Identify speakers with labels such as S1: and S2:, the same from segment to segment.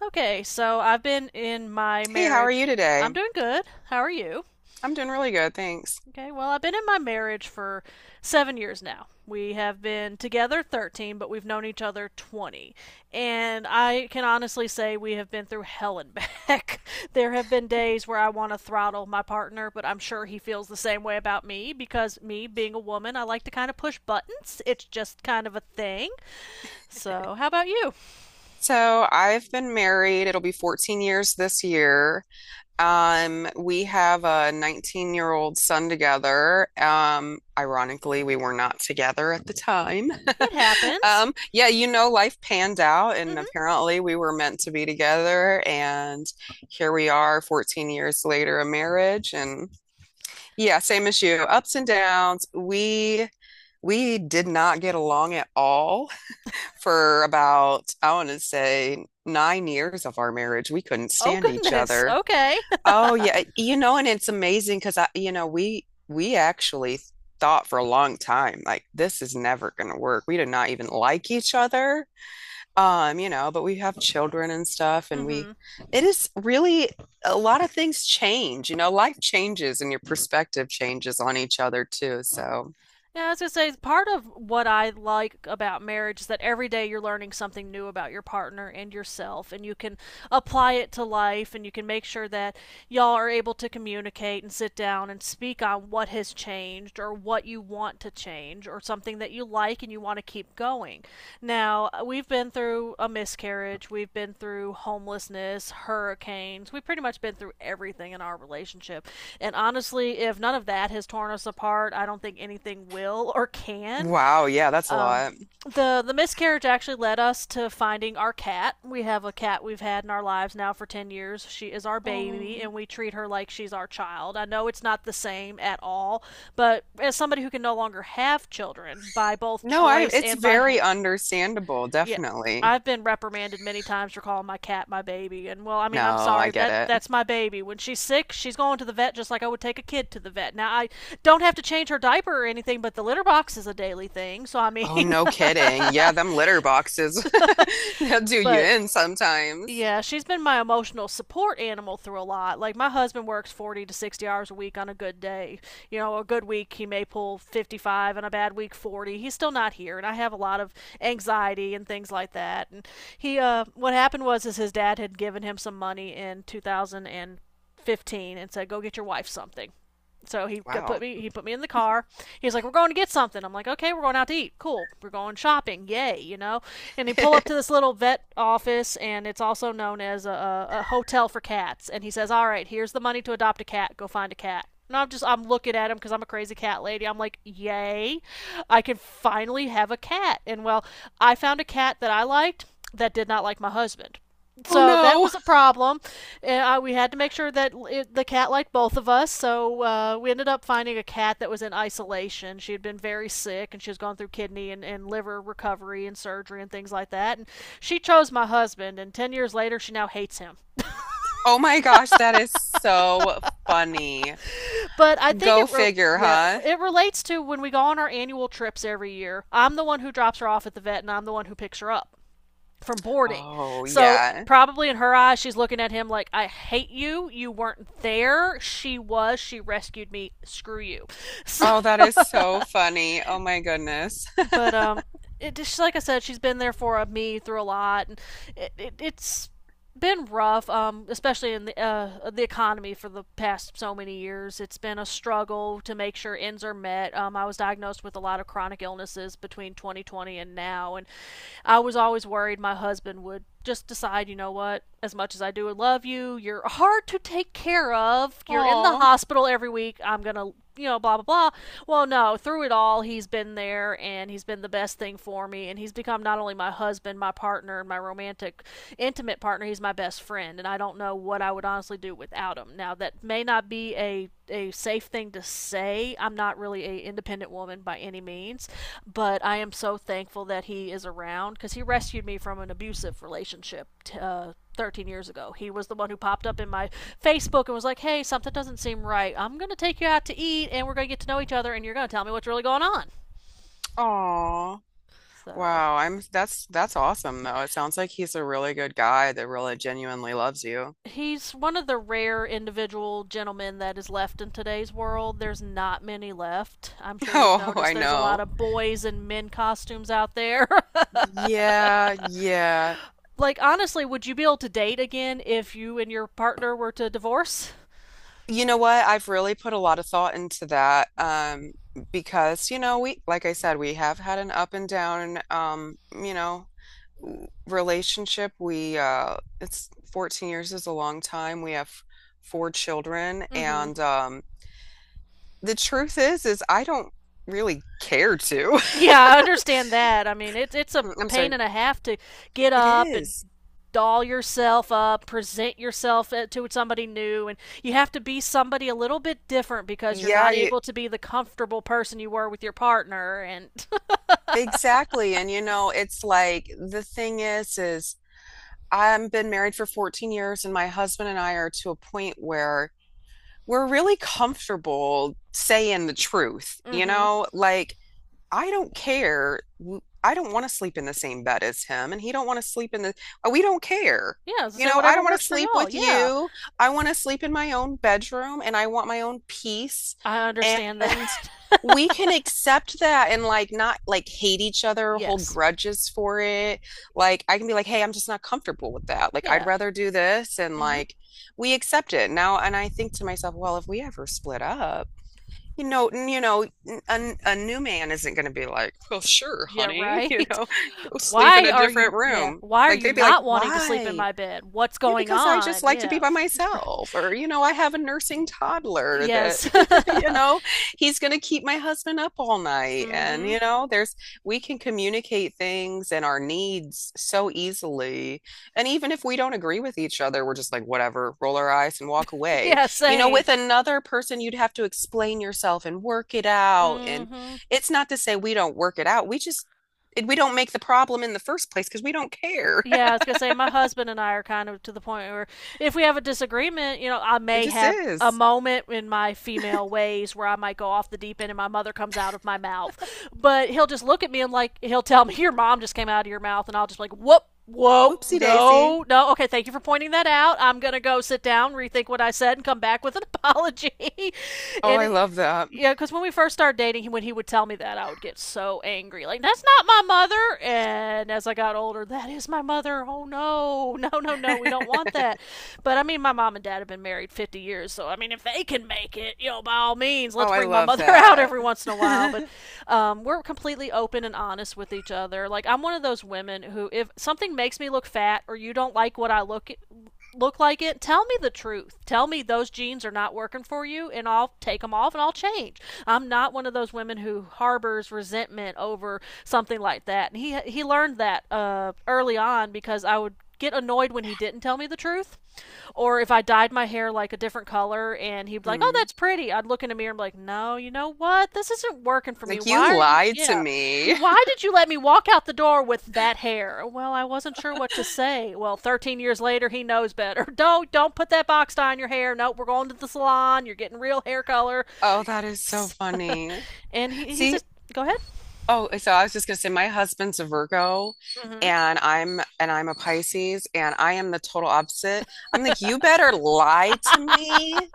S1: Okay, so I've been in my
S2: Hey, how are you
S1: marriage.
S2: today?
S1: I'm doing good. How are you?
S2: I'm doing really good, thanks.
S1: Okay, well, I've been in my marriage for 7 years now. We have been together 13, but we've known each other 20. And I can honestly say we have been through hell and back. There have been days where I want to throttle my partner, but I'm sure he feels the same way about me because, me being a woman, I like to kind of push buttons. It's just kind of a thing. So, how about you?
S2: So, I've been married. It'll be 14 years this year. We have a 19-year-old son together. Ironically, we were not together at the time.
S1: It happens.
S2: Life panned out, and
S1: hmm
S2: apparently we were meant to be together, and here we are 14 years later, a marriage, and yeah, same as you, ups and downs. We did not get along at all for about, I want to say, 9 years of our marriage. We couldn't
S1: Oh,
S2: stand each
S1: goodness.
S2: other.
S1: Okay.
S2: Oh yeah, and it's amazing because I, you know, we actually thought for a long time like this is never going to work. We did not even like each other. But we have children and stuff, and we
S1: Mm-hmm.
S2: it is really a lot of things change. You know, life changes and your perspective changes on each other too. So,
S1: Yeah, I was gonna say part of what I like about marriage is that every day you're learning something new about your partner and yourself, and you can apply it to life, and you can make sure that y'all are able to communicate and sit down and speak on what has changed or what you want to change. Change or something that you like and you want to keep going. Now, we've been through a miscarriage, we've been through homelessness, hurricanes, we've pretty much been through everything in our relationship. And honestly, if none of that has torn us apart, I don't think anything will or can.
S2: wow, yeah, that's a
S1: Um,
S2: lot.
S1: the miscarriage actually led us to finding our cat. We have a cat we've had in our lives now for 10 years. She is our baby and
S2: Oh.
S1: we treat her like she's our child. I know it's not the same at all, but as somebody who can no longer have children by both
S2: No, I
S1: choice
S2: it's
S1: and by
S2: very understandable,
S1: yeah,
S2: definitely.
S1: I've been reprimanded many times for calling my cat my baby. And well, I mean, I'm
S2: No,
S1: sorry.
S2: I get
S1: That
S2: it.
S1: that's my baby. When she's sick, she's going to the vet just like I would take a kid to the vet. Now I don't have to change her diaper or anything, but the litter box is a daily thing. So I mean,
S2: Oh, no kidding. Yeah, them litter boxes. They'll do you
S1: but
S2: in sometimes.
S1: yeah, she's been my emotional support animal through a lot. Like my husband works 40 to 60 hours a week on a good day. You know, a good week he may pull 55 and a bad week 40. He's still not here and I have a lot of anxiety and things like that. And he what happened was is his dad had given him some money in 2015 and said go get your wife something. So
S2: Wow.
S1: he put me in the car. He's like, "We're going to get something." I'm like, "Okay, we're going out to eat. Cool. We're going shopping. Yay!" You know. And he pull up to this little vet office, and it's also known as a hotel for cats. And he says, "All right, here's the money to adopt a cat. Go find a cat." And I'm just I'm looking at him because I'm a crazy cat lady. I'm like, "Yay! I can finally have a cat." And well, I found a cat that I liked that did not like my husband.
S2: Oh
S1: So that
S2: no.
S1: was a problem. And, we had to make sure that it, the cat liked both of us. So we ended up finding a cat that was in isolation. She had been very sick and she was going through kidney and liver recovery and surgery and things like that. And she chose my husband. And 10 years later, she now hates him.
S2: Oh my gosh, that is so funny.
S1: But I think it.
S2: Go figure,
S1: Yeah,
S2: huh?
S1: it relates to when we go on our annual trips every year. I'm the one who drops her off at the vet and I'm the one who picks her up from boarding.
S2: Oh,
S1: So
S2: yeah.
S1: probably in her eyes, she's looking at him like, "I hate you. You weren't there. She was. She rescued me. Screw you." So,
S2: Oh, that is so funny. Oh my goodness.
S1: but it just like I said, she's been there for me through a lot, and it's been rough, especially in the economy for the past so many years. It's been a struggle to make sure ends are met. I was diagnosed with a lot of chronic illnesses between 2020 and now, and I was always worried my husband would just decide, you know what, as much as I do love you, you're hard to take care of. You're in the
S2: Oh,
S1: hospital every week. I'm going to, you know, blah, blah, blah. Well, no, through it all, he's been there and he's been the best thing for me. And he's become not only my husband, my partner, my romantic, intimate partner. He's my best friend, and I don't know what I would honestly do without him. Now, that may not be a safe thing to say. I'm not really a independent woman by any means, but I am so thankful that he is around because he rescued me from an abusive relationship. 13 years ago. He was the one who popped up in my Facebook and was like, "Hey, something doesn't seem right. I'm going to take you out to eat and we're going to get to know each other and you're going to tell me what's really going on."
S2: oh.
S1: So,
S2: Wow, I'm that's awesome though. It sounds like he's a really good guy that really genuinely loves you.
S1: he's one of the rare individual gentlemen that is left in today's world. There's not many left. I'm sure you've
S2: Oh,
S1: noticed
S2: I
S1: there's a lot
S2: know.
S1: of boys in men costumes out there.
S2: Yeah, yeah.
S1: Like honestly, would you be able to date again if you and your partner were to divorce?
S2: You know what? I've really put a lot of thought into that. Because, you know, like I said, we have had an up and down. Relationship. It's 14 years is a long time. We have four children.
S1: Mhm.
S2: And The truth is I don't really care to.
S1: Yeah, I understand that. I mean, it's a
S2: I'm sorry.
S1: pain and a half to get
S2: It
S1: up and
S2: is.
S1: doll yourself up, present yourself to somebody new, and you have to be somebody a little bit different because you're
S2: Yeah,
S1: not
S2: you,
S1: able to be the comfortable person you were with your partner. And
S2: exactly. And you know, it's like the thing is. I've been married for 14 years, and my husband and I are to a point where we're really comfortable saying the truth, you
S1: mm-hmm.
S2: know? Like, I don't care. I don't want to sleep in the same bed as him, and he don't want to sleep in we don't care.
S1: Yeah, as I
S2: You
S1: say,
S2: know, I
S1: whatever
S2: don't want to
S1: works for
S2: sleep
S1: y'all.
S2: with
S1: Yeah,
S2: you. I want to sleep in my own bedroom and I want my own peace.
S1: I understand that.
S2: And we can accept that and like not like hate each other, hold
S1: Yes.
S2: grudges for it. Like I can be like, hey, I'm just not comfortable with that. Like I'd
S1: Yeah.
S2: rather do this. And
S1: Mm-hmm.
S2: like we accept it now. And I think to myself, well, if we ever split up, a new man isn't going to be like, well, sure,
S1: Yeah.
S2: honey, you
S1: Right.
S2: know, go sleep in
S1: Why
S2: a
S1: are
S2: different
S1: you? Yeah.
S2: room.
S1: Why are
S2: Like
S1: you
S2: they'd be like,
S1: not wanting to sleep in
S2: why?
S1: my bed? What's
S2: Yeah,
S1: going
S2: because I just
S1: on?
S2: like to be
S1: Yeah.
S2: by
S1: Right.
S2: myself, or, you know, I have a nursing toddler that,
S1: Yes.
S2: you know, he's going to keep my husband up all night. And,
S1: Mm-hmm.
S2: you know, there's, We can communicate things and our needs so easily. And even if we don't agree with each other, we're just like, whatever, roll our eyes and walk away.
S1: Yeah.
S2: You know,
S1: Same.
S2: with another person, you'd have to explain yourself and work it out. And
S1: Mm-hmm.
S2: it's not to say we don't work it out. We don't make the problem in the first place because we don't care.
S1: Yeah, I was gonna say my husband and I are kind of to the point where if we have a disagreement, you know, I
S2: It
S1: may
S2: just
S1: have a
S2: is.
S1: moment in my female ways where I might go off the deep end and my mother comes out of my mouth. But he'll just look at me and like he'll tell me, your mom just came out of your mouth and I'll just like, whoop, whoa,
S2: Whoopsie daisy.
S1: no, no, okay, thank you for pointing that out. I'm gonna go sit down, rethink what I said and come back with an apology.
S2: Oh,
S1: and
S2: I
S1: it,
S2: love that.
S1: yeah, because when we first started dating, when he would tell me that, I would get so angry. Like, that's not my mother. And as I got older, that is my mother. Oh, no. No, no, no. We don't want that. But I mean, my mom and dad have been married 50 years. So, I mean, if they can make it, you know, by all means,
S2: Oh,
S1: let's
S2: I
S1: bring my
S2: love
S1: mother out
S2: that.
S1: every once in a while. But we're completely open and honest with each other. Like, I'm one of those women who, if something makes me look fat or you don't like what I look at look like it, tell me the truth. Tell me those jeans are not working for you, and I'll take them off and I'll change. I'm not one of those women who harbors resentment over something like that. And he learned that early on because I would get annoyed when he didn't tell me the truth, or if I dyed my hair like a different color and he'd be like, "Oh,
S2: Hmm.
S1: that's pretty," I'd look in the mirror and be like, "No, you know what? This isn't working for me.
S2: Like
S1: Why
S2: you
S1: are you?
S2: lied to
S1: Yeah."
S2: me.
S1: Why did you let me walk out the door with that hair? Well, I wasn't sure what to say. Well, 13 years later, he knows better. Don't put that box dye on your hair. No, nope, we're going to the salon. You're getting real hair color.
S2: Oh, that is so funny.
S1: And he's
S2: See,
S1: just go ahead.
S2: oh, I was just gonna say my husband's a Virgo
S1: Mm-hmm.
S2: and I'm a Pisces and I am the total opposite. I'm like, you better lie to me,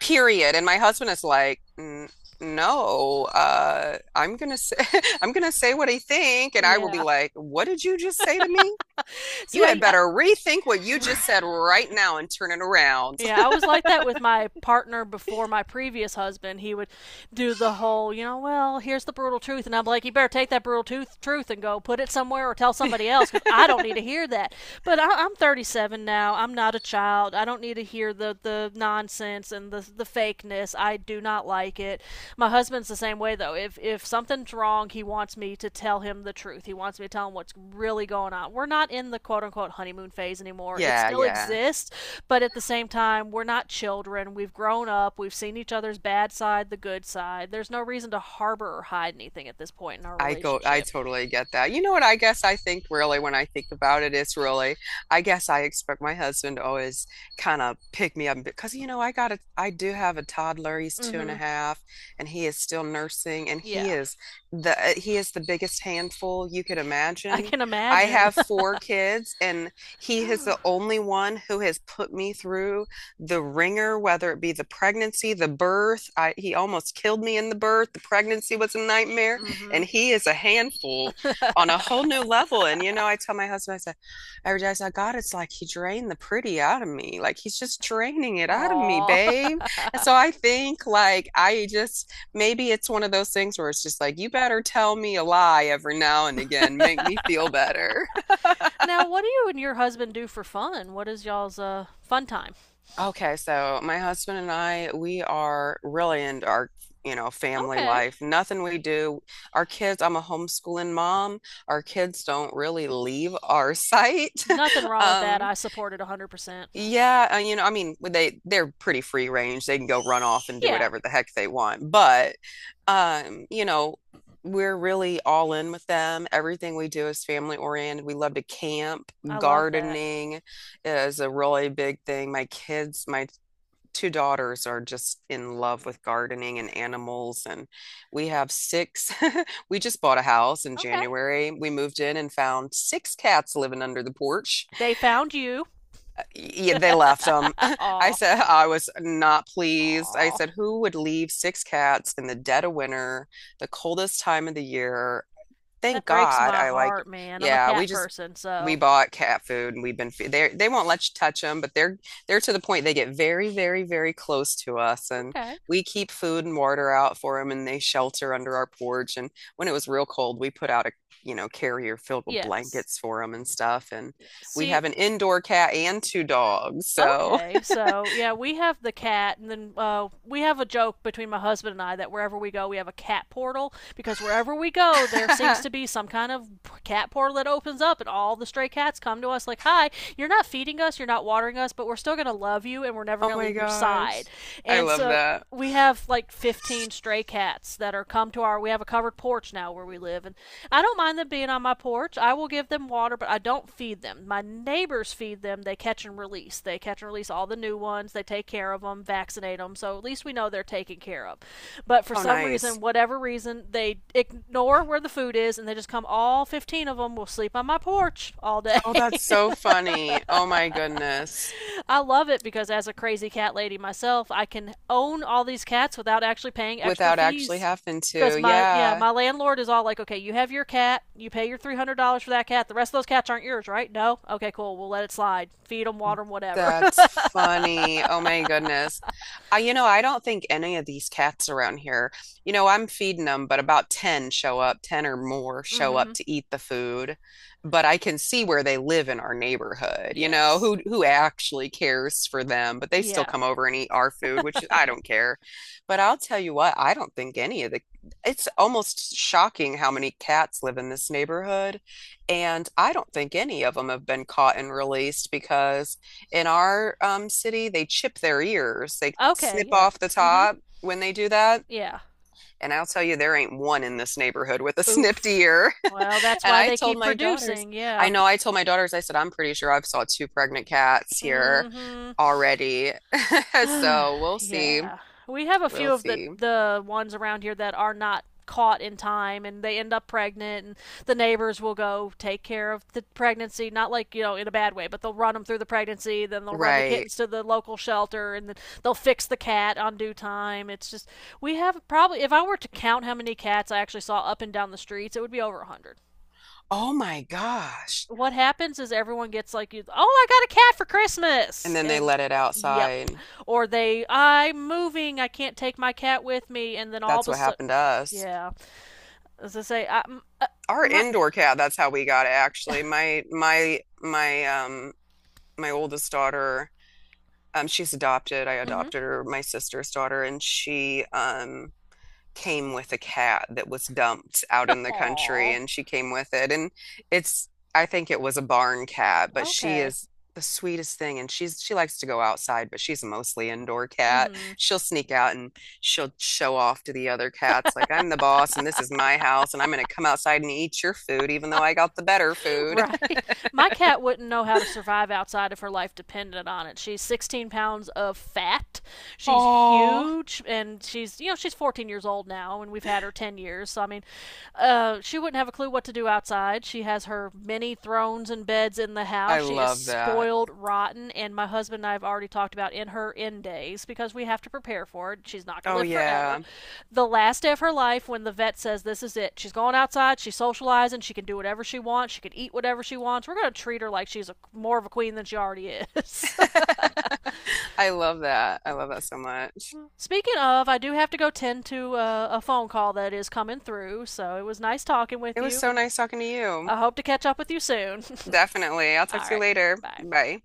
S2: period. And my husband is like, " no, I'm gonna say I'm gonna say what I think," and I will be
S1: Yeah.
S2: like, what did you just say to me?
S1: See,
S2: You had
S1: I
S2: better rethink what you just said
S1: right.
S2: right now and turn it around.
S1: Yeah, I was like that with my partner before my previous husband. He would do the whole, you know, well, here's the brutal truth, and I'm like, you better take that truth and go put it somewhere or tell somebody else because I don't need to hear that. But I'm 37 now. I'm not a child. I don't need to hear the nonsense and the fakeness. I do not like it. My husband's the same way though. If something's wrong, he wants me to tell him the truth. He wants me to tell him what's really going on. We're not in the quote unquote honeymoon phase anymore. It
S2: Yeah,
S1: still
S2: yeah.
S1: exists, but at the same time, we're not children. We've grown up. We've seen each other's bad side, the good side. There's no reason to harbor or hide anything at this point in our
S2: I
S1: relationship.
S2: totally get that. You know what? I guess I think really when I think about it, it's really, I guess I expect my husband to always kind of pick me up because, you know, I do have a toddler. He's two and a
S1: Mm-hmm.
S2: half and he is still nursing and he
S1: Yeah.
S2: is he is the biggest handful you could
S1: I
S2: imagine.
S1: can
S2: I
S1: imagine.
S2: have four kids and he is the only one who has put me through the ringer, whether it be the pregnancy, the birth. He almost killed me in the birth. The pregnancy was a nightmare
S1: Mm-hmm.
S2: and he is a handful on a whole new level. And you know, I tell my husband, I said, every day I said, God, it's like he drained the pretty out of me. Like he's just draining it out of me,
S1: Aw.
S2: babe. And so I think like I just maybe it's one of those things where it's just like, you better tell me a lie every now and again, make me feel better.
S1: Now, what do you and your husband do for fun? What is y'all's fun time?
S2: Okay, so my husband and I, we are really into our, you know, family
S1: Okay.
S2: life. Nothing we do, Our kids, I'm a homeschooling mom. Our kids don't really leave our site.
S1: Nothing wrong with that.
S2: Um,
S1: I support it 100%.
S2: yeah, you know, I mean, they they're pretty free range. They can go run off and do
S1: Yeah,
S2: whatever the heck they want. But you know, we're really all in with them. Everything we do is family oriented. We love to camp,
S1: I love that.
S2: gardening is a really big thing. My two daughters are just in love with gardening and animals and we have six. We just bought a house in
S1: Okay.
S2: January. We moved in and found six cats living under the porch.
S1: They found you.
S2: Yeah, they left them. I
S1: Aw.
S2: said I was not pleased. I
S1: Aw.
S2: said who would leave six cats in the dead of winter, the coldest time of the year? Thank
S1: That breaks
S2: God
S1: my
S2: I like,
S1: heart, man. I'm a
S2: yeah,
S1: cat person,
S2: we
S1: so.
S2: bought cat food and we've been they won't let you touch them, but they're to the point they get very, very, very close to us and
S1: Okay.
S2: we keep food and water out for them and they shelter under our porch. And when it was real cold, we put out a you know carrier filled with
S1: Yes.
S2: blankets for them and stuff. And
S1: Yeah.
S2: we
S1: See,
S2: have an indoor cat and two dogs. So,
S1: okay, so yeah, we have the cat, and then we have a joke between my husband and I that wherever we go, we have a cat portal because wherever we go, there seems to be some kind of cat portal that opens up, and all the stray cats come to us like, "Hi, you're not feeding us, you're not watering us, but we're still gonna love you, and we're never
S2: oh
S1: gonna
S2: my
S1: leave your side."
S2: gosh. I
S1: And
S2: love
S1: so
S2: that.
S1: we have like 15 stray cats that are come to our, we have a covered porch now where we live. And I don't mind them being on my porch. I will give them water, but I don't feed them. My neighbors feed them. They catch and release. They catch and release all the new ones. They take care of them, vaccinate them. So at least we know they're taken care of. But for
S2: Oh,
S1: some
S2: nice.
S1: reason, whatever reason, they ignore where the food is and they just come, all 15 of them will sleep on my porch all day.
S2: Oh, that's so funny. Oh my goodness.
S1: I love it because as a crazy cat lady myself, I can own all these cats without actually paying extra
S2: Without actually
S1: fees.
S2: having
S1: Because
S2: to.
S1: my, yeah,
S2: Yeah.
S1: my landlord is all like, okay, you have your cat, you pay your $300 for that cat. The rest of those cats aren't yours, right? No. Okay, cool. We'll let it slide. Feed them, water them, whatever.
S2: That's funny. Oh my goodness. I, you know, I don't think any of these cats around here, you know, I'm feeding them, but about 10 show up, 10 or more show
S1: Mm-hmm.
S2: up to eat the food. But I can see where they live in our neighborhood, you know,
S1: Yes.
S2: who actually cares for them, but they still
S1: Yeah.
S2: come over and eat our food, which I don't care. But I'll tell you what, I don't think any of the It's almost shocking how many cats live in this neighborhood, and I don't think any of them have been caught and released because in our city, they chip their ears. They
S1: Okay.
S2: snip
S1: Yeah.
S2: off the
S1: Mm-hmm.
S2: top when they do that.
S1: Yeah.
S2: And I'll tell you, there ain't one in this neighborhood with a snipped
S1: Oof.
S2: ear.
S1: Well, that's
S2: And
S1: why
S2: I
S1: they
S2: told
S1: keep
S2: my daughters,
S1: producing. Yeah.
S2: I told my daughters, I said, I'm pretty sure I've saw two pregnant cats here
S1: Mm-hmm.
S2: already. So we'll see.
S1: Yeah. We have a
S2: We'll
S1: few of the
S2: see.
S1: the ones around here that are not caught in time and they end up pregnant, and the neighbors will go take care of the pregnancy, not like, you know, in a bad way, but they'll run them through the pregnancy, then they'll run the
S2: Right.
S1: kittens to the local shelter, and then they'll fix the cat on due time. It's just, we have probably, if I were to count how many cats I actually saw up and down the streets, it would be over a 100.
S2: Oh my gosh.
S1: What happens is everyone gets like, "Oh, I got a cat for
S2: And
S1: Christmas,"
S2: then they
S1: and
S2: let it
S1: yep,
S2: outside.
S1: or they, "I'm moving, I can't take my cat with me," and then all
S2: That's
S1: of a
S2: what
S1: sudden,
S2: happened to us.
S1: yeah, as I say, uh,
S2: Our
S1: my,
S2: indoor cat, that's how we got it actually. My oldest daughter, she's adopted. I
S1: mm-hmm,
S2: adopted her, my sister's daughter, and she came with a cat that was dumped out in the country,
S1: aw,
S2: and she came with it. And it's, I think it was a barn cat, but she
S1: okay.
S2: is the sweetest thing. And she likes to go outside, but she's a mostly indoor cat.
S1: Mm-hmm.
S2: She'll sneak out and she'll show off to the other cats, like, I'm the boss, and this is my house, and I'm going to come outside and eat your food, even though I got the better food.
S1: Right. My cat wouldn't know how to survive outside if her life depended on it. She's 16 pounds of fat. She's
S2: Oh,
S1: huge, and she's, you know, she's 14 years old now, and we've had her 10 years. So I mean, she wouldn't have a clue what to do outside. She has her many thrones and beds in the
S2: I
S1: house. She is
S2: love that.
S1: spoiled rotten, and my husband and I have already talked about, in her end days, because we have to prepare for it. She's not going to
S2: Oh,
S1: live forever.
S2: yeah.
S1: The last day of her life, when the vet says this is it, she's going outside, she's socializing, she can do whatever she wants, she can eat whatever she wants. We're going to treat her like she's a, more of a queen than she already is.
S2: I love that. I love that so much.
S1: Speaking of, I do have to go tend to a phone call that is coming through, so it was nice talking with
S2: It was
S1: you,
S2: so
S1: and
S2: nice talking to you.
S1: I hope to catch up with you soon.
S2: Definitely. I'll talk
S1: All
S2: to you
S1: right.
S2: later.
S1: Bye.
S2: Bye.